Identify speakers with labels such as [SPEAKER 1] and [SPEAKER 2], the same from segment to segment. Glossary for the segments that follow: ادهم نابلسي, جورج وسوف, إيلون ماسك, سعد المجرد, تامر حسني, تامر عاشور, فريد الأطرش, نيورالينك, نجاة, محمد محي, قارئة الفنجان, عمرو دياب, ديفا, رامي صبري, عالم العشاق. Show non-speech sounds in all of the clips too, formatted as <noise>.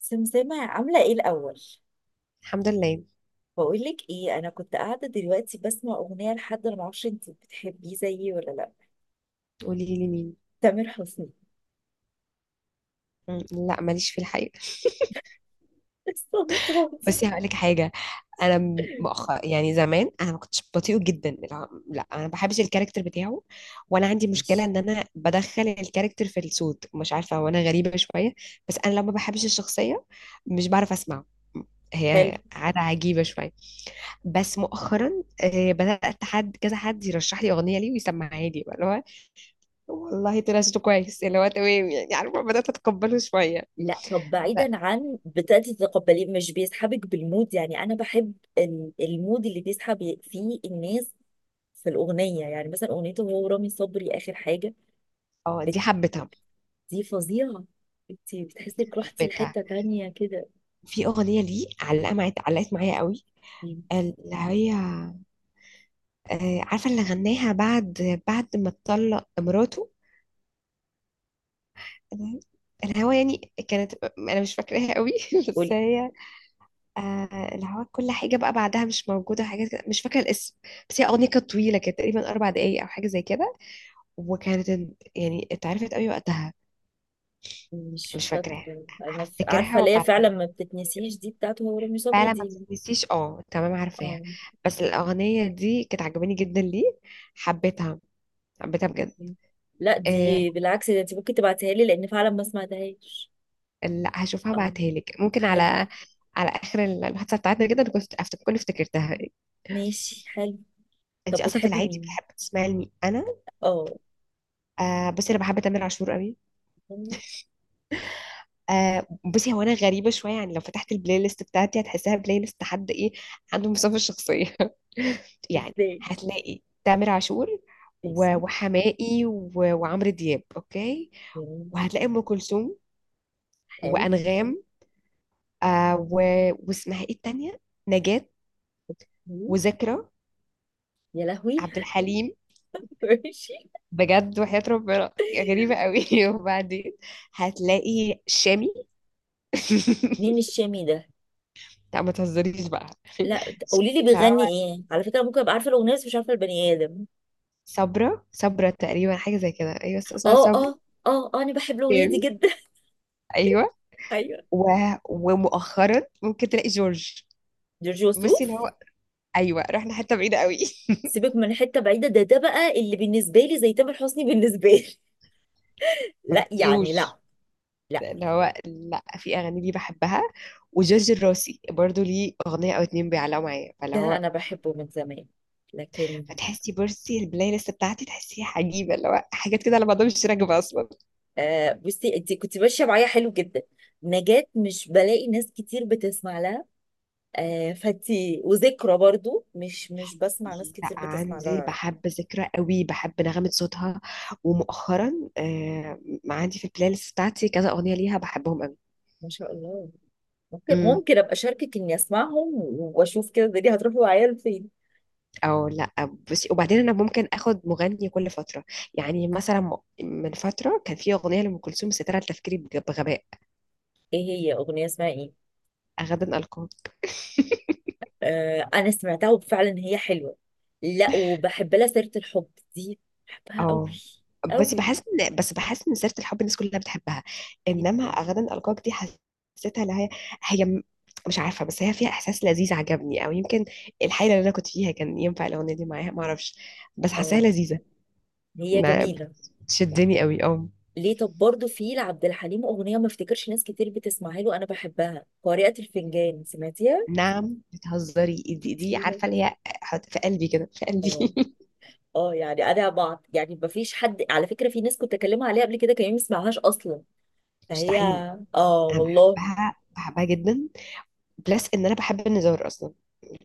[SPEAKER 1] سمسمة عاملة ايه الأول؟
[SPEAKER 2] الحمد لله.
[SPEAKER 1] بقولك ايه، أنا كنت قاعدة دلوقتي بسمع أغنية لحد، أنا معرفش انتي بتحبيه زيي ولا لأ.
[SPEAKER 2] قولي لي مين؟
[SPEAKER 1] تامر حسني.
[SPEAKER 2] لا ماليش في الحقيقة.
[SPEAKER 1] <laughs> استنطاطي.
[SPEAKER 2] بس هقول لك حاجة. أنا مؤخر يعني زمان أنا ما كنتش بطيئة جدا، لا لا، أنا ما بحبش الكاركتر بتاعه. وأنا عندي مشكلة
[SPEAKER 1] ماشي.
[SPEAKER 2] إن أنا بدخل الكاركتر في الصوت، مش عارفة، وأنا غريبة شوية. بس أنا لو ما بحبش الشخصية مش بعرف أسمعه.
[SPEAKER 1] حلو.
[SPEAKER 2] هي عادة عجيبة شوية. بس مؤخرا بدأت حد كذا حد يرشح لي أغنية ليه ويسمعها لي، اللي هو والله طلع صوته كويس، اللي هو تمام، يعني عارفة بدأت أتقبله شوية.
[SPEAKER 1] لا طب بعيدا عن بتأتي تتقبليه، مش بيسحبك بالمود؟ يعني أنا بحب المود اللي بيسحب فيه الناس في الأغنية، يعني مثلا أغنيته هو رامي صبري آخر حاجة.
[SPEAKER 2] اه دي
[SPEAKER 1] بت-
[SPEAKER 2] حبيتها،
[SPEAKER 1] دي فظيعة. انتي بتحسي انك رحتي
[SPEAKER 2] حبيتها.
[SPEAKER 1] لحتة تانية كده.
[SPEAKER 2] في اغنيه ليه علقه معايا، علقت معايا قوي، اللي هي عارفه اللي غناها بعد ما اتطلق مراته، الهوا، يعني كانت انا مش فاكراها قوي <laughs> بس
[SPEAKER 1] قولي.
[SPEAKER 2] هي الهوا، كل حاجه بقى بعدها مش موجوده، حاجات كده مش فاكره الاسم. بس هي اغنيه كانت طويله، كانت تقريبا 4 دقايق او حاجه زي كده، وكانت يعني اتعرفت قوي وقتها.
[SPEAKER 1] مش
[SPEAKER 2] مش فاكراها،
[SPEAKER 1] فاكرة أنا
[SPEAKER 2] هفتكرها
[SPEAKER 1] عارفة ليا فعلا،
[SPEAKER 2] وابعتها.
[SPEAKER 1] ما بتتنسيش دي، بتاعته هو رامي صبري
[SPEAKER 2] فعلا ما
[SPEAKER 1] دي.
[SPEAKER 2] بتتنسيش، اه تمام عارفاها.
[SPEAKER 1] اه.
[SPEAKER 2] بس الاغنيه دي كانت عجباني جدا ليه، حبيتها، حبيتها بجد.
[SPEAKER 1] لا
[SPEAKER 2] إيه،
[SPEAKER 1] دي بالعكس، ده انت ممكن تبعتها لي، لأن فعلا ما سمعتهاش.
[SPEAKER 2] لا هشوفها
[SPEAKER 1] اه.
[SPEAKER 2] بعتها لك، ممكن على
[SPEAKER 1] حلو.
[SPEAKER 2] على اخر الحادثه بتاعتنا كده، كنت كنت افتكرتها.
[SPEAKER 1] ماشي حلو.
[SPEAKER 2] انت
[SPEAKER 1] طب
[SPEAKER 2] اصلا في
[SPEAKER 1] بتحبي
[SPEAKER 2] العادي
[SPEAKER 1] مين؟
[SPEAKER 2] بتحب تسمعي لمين، انا
[SPEAKER 1] اه.
[SPEAKER 2] بس انا بحب تامر عاشور قوي. بصي، هو انا غريبه شويه، يعني لو فتحت البلاي ليست بتاعتي هتحسها بلاي ليست حد ايه عنده مسافه شخصيه <laughs> يعني
[SPEAKER 1] ازاي؟
[SPEAKER 2] هتلاقي تامر عاشور و-
[SPEAKER 1] ماشي.
[SPEAKER 2] وحماقي و- وعمرو دياب، اوكي،
[SPEAKER 1] جميل.
[SPEAKER 2] وهتلاقي ام كلثوم
[SPEAKER 1] حلو.
[SPEAKER 2] وانغام، آه و... واسمها ايه التانية، نجاة،
[SPEAKER 1] مم.
[SPEAKER 2] وذكرى،
[SPEAKER 1] يا لهوي.
[SPEAKER 2] عبد الحليم،
[SPEAKER 1] <laughs> ماشي.
[SPEAKER 2] بجد وحياة ربنا غريبة قوي <laughs> وبعدين هتلاقي شامي
[SPEAKER 1] مين
[SPEAKER 2] <laughs>
[SPEAKER 1] الشامي ده؟
[SPEAKER 2] لا ما تهزريش بقى <laughs>
[SPEAKER 1] لا قولي لي بيغني
[SPEAKER 2] شكلها
[SPEAKER 1] ايه؟ على فكرة ممكن ابقى عارفة الأغنية بس مش عارفة البني آدم.
[SPEAKER 2] صبرا صبرا تقريبا، حاجة زي كده، أيوة بس اسمها
[SPEAKER 1] اه
[SPEAKER 2] صبرا.
[SPEAKER 1] اه. اه اه انا بحب الأغنية دي
[SPEAKER 2] جامد.
[SPEAKER 1] جدا.
[SPEAKER 2] أيوة.
[SPEAKER 1] <laughs> ايوه.
[SPEAKER 2] و... ومؤخرا ممكن تلاقي جورج.
[SPEAKER 1] جورج
[SPEAKER 2] بصي اللي
[SPEAKER 1] وسوف.
[SPEAKER 2] هو أيوة، رحنا حتة بعيدة قوي
[SPEAKER 1] سيبك من حته بعيده، ده ده بقى اللي بالنسبه لي زي تامر حسني بالنسبه لي. <laughs>
[SPEAKER 2] <laughs> ما
[SPEAKER 1] لا يعني
[SPEAKER 2] بتطيقوش.
[SPEAKER 1] لا. لا.
[SPEAKER 2] اللي هو لا، في أغاني ليه بحبها. وجورج الراسي برضو ليه أغنية أو 2 بيعلقوا معايا، فاللي
[SPEAKER 1] ده
[SPEAKER 2] هو
[SPEAKER 1] انا بحبه من زمان، لكن...
[SPEAKER 2] فتحسي، بصي البلاي ليست بتاعتي تحسيها عجيبة، اللي هو حاجات كده على بعضها مش راكبة أصلا.
[SPEAKER 1] آه بصي، انت كنت ماشيه معايا حلو جدا. نجاة مش بلاقي ناس كتير بتسمع لها. آه فانتي وذكرى برضو مش بسمع ناس
[SPEAKER 2] لا
[SPEAKER 1] كتير بتسمع
[SPEAKER 2] عندي،
[SPEAKER 1] لها.
[SPEAKER 2] بحب ذكرى قوي، بحب نغمة صوتها. ومؤخرا آه عندي في البلاي ليست بتاعتي كذا أغنية ليها بحبهم قوي.
[SPEAKER 1] ما شاء الله. ممكن
[SPEAKER 2] امم.
[SPEAKER 1] ممكن ابقى اشاركك اني اسمعهم، واشوف كده الدنيا هتروح معايا لفين.
[SPEAKER 2] او لا، بس وبعدين انا ممكن اخد مغني كل فتره، يعني مثلا من فتره كان في اغنيه لام كلثوم سترة تفكيري بغباء.
[SPEAKER 1] ايه هي اغنيه اسمها ايه؟
[SPEAKER 2] غدا القاك.
[SPEAKER 1] انا سمعتها وفعلا هي حلوه. لا وبحب لها سيره الحب، دي بحبها قوي.
[SPEAKER 2] اه بس
[SPEAKER 1] قوي.
[SPEAKER 2] بحس ان سيره الحب الناس كلها بتحبها، انما
[SPEAKER 1] جدا.
[SPEAKER 2] غدا القاك دي حسيتها اللي هي هي م- مش عارفه، بس هي فيها احساس لذيذ عجبني، او يمكن الحيله اللي انا كنت فيها كان ينفع الاغنيه دي معاها، ما اعرفش، بس حاساها
[SPEAKER 1] اه.
[SPEAKER 2] لذيذه.
[SPEAKER 1] هي
[SPEAKER 2] ما
[SPEAKER 1] جميله.
[SPEAKER 2] شدني قوي، اه.
[SPEAKER 1] ليه طب برضه في لعبد الحليم اغنيه ما افتكرش ناس كتير بتسمعها له، انا بحبها: قارئة الفنجان، سمعتيها؟
[SPEAKER 2] نعم بتهزري، دي
[SPEAKER 1] خطيرة.
[SPEAKER 2] عارفه اللي هي حط في قلبي كده، في قلبي
[SPEAKER 1] اه.
[SPEAKER 2] <laughs>
[SPEAKER 1] اه يعني انا بعض، يعني ما فيش حد، على فكره في ناس كنت اكلمها عليها قبل كده كان ما يسمعهاش اصلا، فهي...
[SPEAKER 2] مستحيل،
[SPEAKER 1] اه
[SPEAKER 2] انا
[SPEAKER 1] والله.
[SPEAKER 2] بحبها، بحبها جدا. بلس ان انا بحب النزار اصلا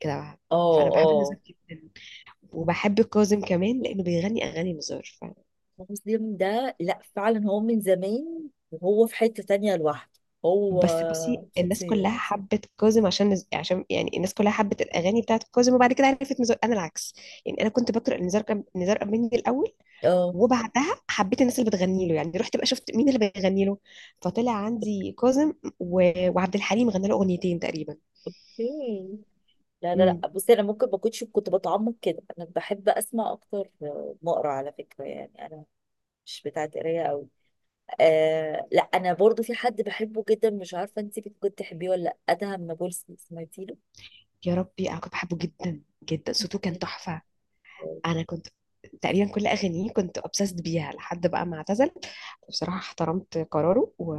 [SPEAKER 2] كده،
[SPEAKER 1] اه.
[SPEAKER 2] فانا بحب
[SPEAKER 1] اه.
[SPEAKER 2] النزار جدا، وبحب كاظم كمان لانه بيغني اغاني نزار
[SPEAKER 1] مسلم ده لا فعلا، هو من زمان وهو في حتة تانية لوحده هو.
[SPEAKER 2] بس بصي الناس كلها
[SPEAKER 1] خطير.
[SPEAKER 2] حبت كاظم عشان عشان يعني الناس كلها حبت الاغاني بتاعت كاظم، وبعد كده عرفت نزار، انا العكس، يعني انا كنت بقرا نزار نزار قباني الاول،
[SPEAKER 1] اه.
[SPEAKER 2] وبعدها حبيت الناس اللي بتغني له، يعني رحت بقى شفت مين اللي بيغني له، فطلع عندي كاظم و... وعبد الحليم غنى له اغنيتين تقريبا.
[SPEAKER 1] اوكي. لا لا
[SPEAKER 2] امم.
[SPEAKER 1] لا بصي، انا ممكن ما كنتش كنت بتعمق كده، انا بحب اسمع اكتر ما اقرا على فكرة، يعني انا مش بتاعت قرايه قوي. آه لا انا برضو في حد بحبه جدا، مش عارفه انت كنت تحبيه ولا لا: ادهم نابلسي، سمعتي له؟
[SPEAKER 2] يا ربي انا كنت بحبه جدا جدا، صوته كان
[SPEAKER 1] جدا.
[SPEAKER 2] تحفه. انا كنت تقريبا كل اغانيه كنت obsessed بيها لحد بقى ما اعتزل. بصراحه احترمت قراره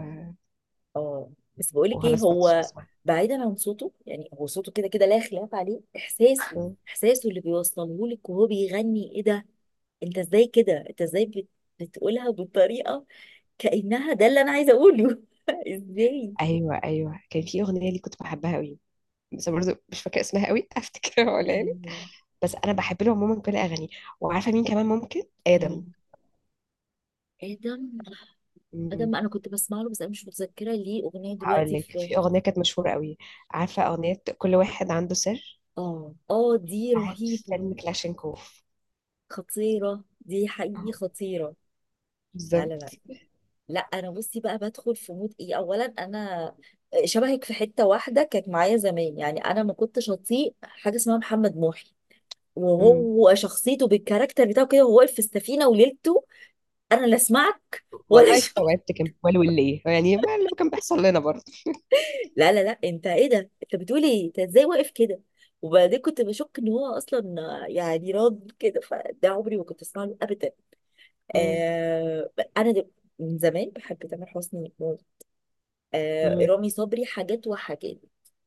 [SPEAKER 1] اه. بس بقولك ايه،
[SPEAKER 2] وخلاص ما كنتش
[SPEAKER 1] هو
[SPEAKER 2] بسمعها.
[SPEAKER 1] بعيدا عن صوته، يعني هو صوته كده كده لا خلاف عليه، احساسه...
[SPEAKER 2] مم.
[SPEAKER 1] احساسه اللي بيوصله لك وهو بيغني ايه ده. انت ازاي كده، انت ازاي بتقولها بالطريقه كانها ده اللي انا عايزه اقوله <laughs> ازاي.
[SPEAKER 2] ايوه كان في اغنيه لي كنت بحبها قوي، بس برضه مش فاكره اسمها قوي <laughs> هفتكرها ولا لي.
[SPEAKER 1] آه...
[SPEAKER 2] بس انا بحب له عموما كل اغانيه. وعارفه مين كمان ممكن، ادم.
[SPEAKER 1] مين؟ ادم.
[SPEAKER 2] مم.
[SPEAKER 1] ادم انا كنت بسمع له بس انا مش متذكره ليه اغنيه
[SPEAKER 2] هقول
[SPEAKER 1] دلوقتي
[SPEAKER 2] لك
[SPEAKER 1] في.
[SPEAKER 2] في اغنيه كانت مشهوره قوي، عارفه اغنيه كل واحد عنده سر،
[SPEAKER 1] اه اه دي
[SPEAKER 2] بتاعت
[SPEAKER 1] رهيبه.
[SPEAKER 2] فيلم كلاشينكوف.
[SPEAKER 1] خطيره دي، حقيقي
[SPEAKER 2] أهو،
[SPEAKER 1] خطيره. لا
[SPEAKER 2] بالظبط.
[SPEAKER 1] لا لا. لا انا بصي بقى، بدخل في مود ايه، اولا انا شبهك في حته واحده، كانت معايا زمان، يعني انا ما كنتش اطيق حاجه اسمها محمد محي،
[SPEAKER 2] مم.
[SPEAKER 1] وهو شخصيته بالكاركتر بتاعه كده، وهو واقف في السفينه وليلته، انا لا اسمعك ولا <laughs>
[SPEAKER 2] والله
[SPEAKER 1] شو.
[SPEAKER 2] استوعبت كان بيقولوا ليه، يعني ما اللي كان بيحصل لنا برضه.
[SPEAKER 1] لا لا لا انت ايه ده، انت بتقول ايه، انت ازاي واقف كده؟ وبعدين كنت بشك ان هو اصلا يعني راض كده، فده عمري ما كنت اسمع له ابدا.
[SPEAKER 2] مم.
[SPEAKER 1] آه. انا دل- من زمان بحب تامر حسني. آه
[SPEAKER 2] مم.
[SPEAKER 1] رامي صبري حاجات وحاجات.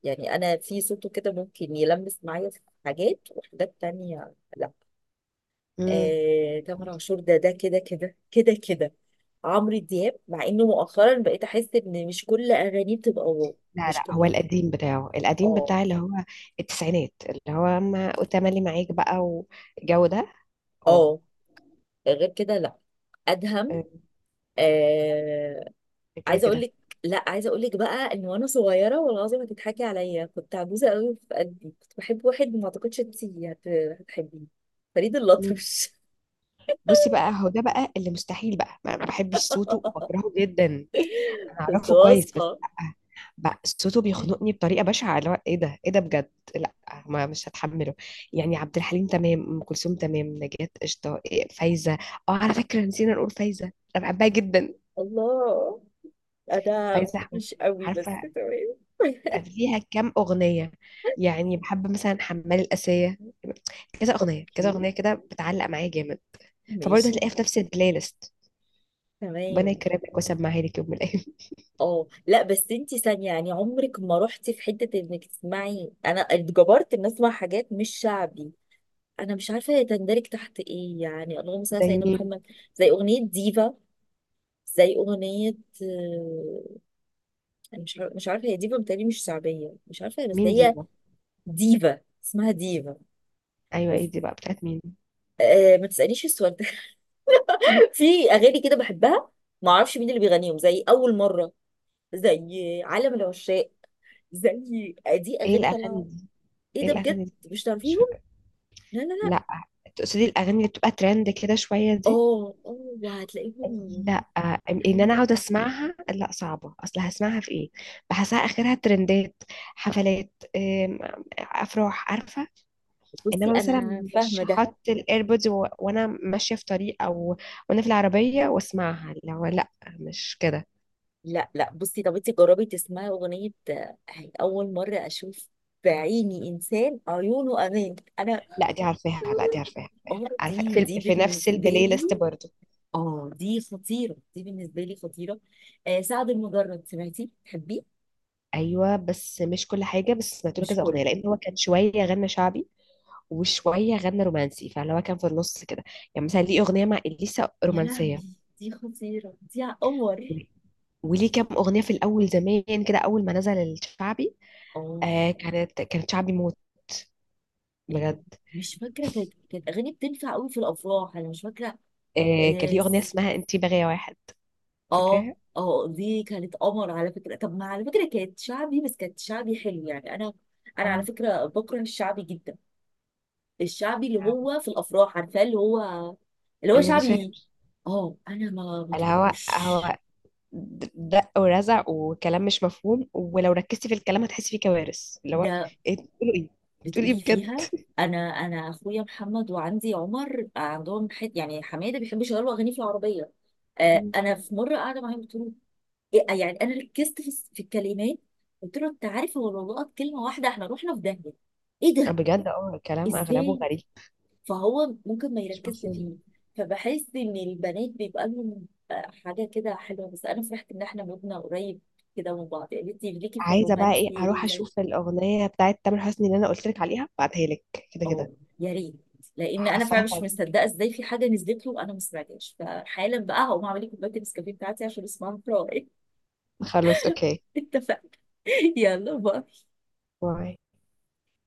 [SPEAKER 1] يعني انا في صوته كده ممكن يلمس معايا في حاجات، وحاجات تانية لا.
[SPEAKER 2] مم.
[SPEAKER 1] آه تامر عاشور ده ده كده كده كده كده. عمرو دياب مع انه مؤخرا بقيت احس ان مش كل اغانيه بتبقى واو،
[SPEAKER 2] لا
[SPEAKER 1] مش
[SPEAKER 2] لا، هو
[SPEAKER 1] كلها.
[SPEAKER 2] القديم بتاعه، القديم
[SPEAKER 1] اه.
[SPEAKER 2] بتاع اللي هو التسعينات، اللي هو ما وتملي معاك بقى، والجو ده. اه.
[SPEAKER 1] اه. غير كده لا. ادهم.
[SPEAKER 2] آه،
[SPEAKER 1] آه.
[SPEAKER 2] كده
[SPEAKER 1] عايزه اقول
[SPEAKER 2] كده.
[SPEAKER 1] لك... لا عايزه اقول لك بقى ان وانا صغيره، والله العظيم هتضحكي عليا، كنت عجوزه قوي في قلبي، كنت بحب واحد ما اعتقدش انت هتحبيه: فريد
[SPEAKER 2] مين؟
[SPEAKER 1] الأطرش.
[SPEAKER 2] بصي بقى، هو ده بقى اللي مستحيل بقى ما بحبش صوته
[SPEAKER 1] <laughs>
[SPEAKER 2] وبكرهه جدا. انا
[SPEAKER 1] كنت
[SPEAKER 2] اعرفه كويس بس
[SPEAKER 1] واثقه.
[SPEAKER 2] لا. بقى صوته بيخنقني بطريقه بشعه، اللي هو ايه ده ايه ده، بجد لا، ما مش هتحمله. يعني عبد الحليم تمام، ام كلثوم تمام، نجاة قشطه، فايزه. اه على فكره نسينا نقول فايزه، انا بحبها جدا.
[SPEAKER 1] الله. انا
[SPEAKER 2] فايزه احمد،
[SPEAKER 1] مش قوي بس
[SPEAKER 2] عارفه،
[SPEAKER 1] تمام. <laughs>
[SPEAKER 2] فيها كام أغنية، يعني بحب مثلا حمال الآسية، كذا أغنية كذا
[SPEAKER 1] اوكي.
[SPEAKER 2] أغنية كده بتعلق معايا جامد. فبرضه
[SPEAKER 1] ماشي
[SPEAKER 2] هتلاقيها في نفس البلاي ليست. ربنا
[SPEAKER 1] تمام.
[SPEAKER 2] يكرمك وسمعها لك يوم من الأيام <laughs>
[SPEAKER 1] اه لا بس انتي ثانية، يعني عمرك ما رحتي في حتة انك تسمعي، انا اتجبرت ان اسمع حاجات مش شعبي، انا مش عارفه هي تندرج تحت ايه، يعني اللهم صل على
[SPEAKER 2] زي
[SPEAKER 1] سيدنا
[SPEAKER 2] مين؟
[SPEAKER 1] محمد. زي اغنيه ديفا، زي اغنيه... آه، أنا مش عارفه، مش عارفه هي ديفا، بتهيألي مش شعبيه، مش عارفه بس
[SPEAKER 2] مين دي
[SPEAKER 1] هي...
[SPEAKER 2] بقى؟
[SPEAKER 1] ديفا، اسمها ديفا.
[SPEAKER 2] أيوة إيه
[SPEAKER 1] بس.
[SPEAKER 2] دي بقى بتاعت مين؟
[SPEAKER 1] أه ما تسالنيش السؤال ده. <laughs> في اغاني كده بحبها ما اعرفش مين اللي بيغنيهم، زي اول مره، زي عالم العشاق، زي... دي
[SPEAKER 2] إيه
[SPEAKER 1] اغاني
[SPEAKER 2] الأغاني
[SPEAKER 1] طالعه.
[SPEAKER 2] دي؟
[SPEAKER 1] ايه
[SPEAKER 2] إيه
[SPEAKER 1] ده بجد.
[SPEAKER 2] الأغاني دي؟
[SPEAKER 1] مش
[SPEAKER 2] مش
[SPEAKER 1] تعرفيهم؟
[SPEAKER 2] فاكرة.
[SPEAKER 1] لا لا لا.
[SPEAKER 2] لا. تقصدي الأغاني اللي بتبقى ترند كده شوية دي؟
[SPEAKER 1] اه اه. وهتلاقيهم
[SPEAKER 2] لا، ان
[SPEAKER 1] حلوين
[SPEAKER 2] انا اقعد
[SPEAKER 1] جدا.
[SPEAKER 2] اسمعها لا صعبه، اصل هسمعها في ايه؟ بحسها اخرها ترندات، حفلات، افراح، عارفه،
[SPEAKER 1] بصي
[SPEAKER 2] انما مثلا
[SPEAKER 1] انا
[SPEAKER 2] مش
[SPEAKER 1] فاهمه ده.
[SPEAKER 2] هحط الايربودز وانا ماشيه في طريق، او وانا في العربيه واسمعها، لو لا مش كده.
[SPEAKER 1] لا لا بصي، طب انت جربي تسمعي اغنيه هي اول مره اشوف بعيني انسان عيونه امان، انا...
[SPEAKER 2] لا دي عارفاها،
[SPEAKER 1] اه
[SPEAKER 2] عارفة
[SPEAKER 1] دي دي
[SPEAKER 2] في نفس
[SPEAKER 1] بالنسبه
[SPEAKER 2] البلاي ليست
[SPEAKER 1] لي،
[SPEAKER 2] برضه.
[SPEAKER 1] اه دي خطيره دي بالنسبه لي، خطيره. آه سعد المجرد، سمعتي تحبيه؟
[SPEAKER 2] ايوه بس مش كل حاجه، بس سمعت له
[SPEAKER 1] مش
[SPEAKER 2] كذا
[SPEAKER 1] كله.
[SPEAKER 2] اغنيه لان هو كان شويه غنى شعبي وشويه غنى رومانسي، فاللي هو كان في النص كده، يعني مثلا ليه اغنيه مع اليسا
[SPEAKER 1] يا لهوي
[SPEAKER 2] رومانسيه،
[SPEAKER 1] دي خطيره، دي على قمر.
[SPEAKER 2] وليه كام اغنيه في الاول زمان كده اول ما نزل الشعبي.
[SPEAKER 1] اه.
[SPEAKER 2] كانت شعبي موت،
[SPEAKER 1] آه،
[SPEAKER 2] بجد.
[SPEAKER 1] مش فاكره، كانت كانت اغاني بتنفع قوي في الافراح، انا مش فاكره.
[SPEAKER 2] كان
[SPEAKER 1] آه.
[SPEAKER 2] ليه اغنيه اسمها انتي بغايا واحد،
[SPEAKER 1] اه.
[SPEAKER 2] فاكراها،
[SPEAKER 1] اه دي كانت قمر على فكره. طب ما على فكره كانت شعبي، بس كانت شعبي حلو، يعني انا انا على
[SPEAKER 2] اه.
[SPEAKER 1] فكره بكره الشعبي جدا. الشعبي اللي هو في الافراح، عارفاه اللي هو... اللي هو
[SPEAKER 2] اللي مش فاهم،
[SPEAKER 1] شعبي. اه انا ما
[SPEAKER 2] الهواء
[SPEAKER 1] بتقولوش.
[SPEAKER 2] هواء، دق ورزع وكلام مش مفهوم، ولو ركزتي في الكلام هتحسي فيه كوارث، اللي هو
[SPEAKER 1] ده
[SPEAKER 2] ايه بتقولوا، ايه بتقولي، ايه
[SPEAKER 1] بتقولي
[SPEAKER 2] بجد.
[SPEAKER 1] فيها: انا انا اخويا محمد وعندي عمر، عندهم حت، يعني حماده بيحب يشغلوا اغاني في العربيه. آه
[SPEAKER 2] مم.
[SPEAKER 1] انا في مره قاعده معاهم قلت له إيه- يعني انا ركزت في في الكلمات، قلت له انت عارف هو لو لقط كلمه واحده احنا رحنا في داهيه. ايه ده؟
[SPEAKER 2] بجد، اه، الكلام اغلبه
[SPEAKER 1] ازاي؟
[SPEAKER 2] غريب،
[SPEAKER 1] فهو ممكن ما
[SPEAKER 2] مش
[SPEAKER 1] يركزش
[SPEAKER 2] مفهوم.
[SPEAKER 1] فيه. فبحس ان البنات بيبقى لهم حاجه كده حلوه. بس انا فرحت ان احنا مبنى قريب كده من بعض، يعني انت ليكي في
[SPEAKER 2] عايزه بقى ايه،
[SPEAKER 1] الرومانسي
[SPEAKER 2] اروح اشوف الاغنيه بتاعت تامر حسني اللي انا قلت لك عليها بعتها لك كده
[SPEAKER 1] اه.
[SPEAKER 2] كده.
[SPEAKER 1] يا ريت. لان انا فعلا
[SPEAKER 2] حاساها
[SPEAKER 1] مش
[SPEAKER 2] تعجبك.
[SPEAKER 1] مصدقه ازاي في حاجه نزلت له انا ما سمعتهاش، فحالا بقى هقوم اعمل لي كوبايه النسكافيه بتاعتي عشان اسمعها في رواقي.
[SPEAKER 2] خلاص، اوكي.
[SPEAKER 1] <laughs> اتفق. يلا باي.
[SPEAKER 2] باي.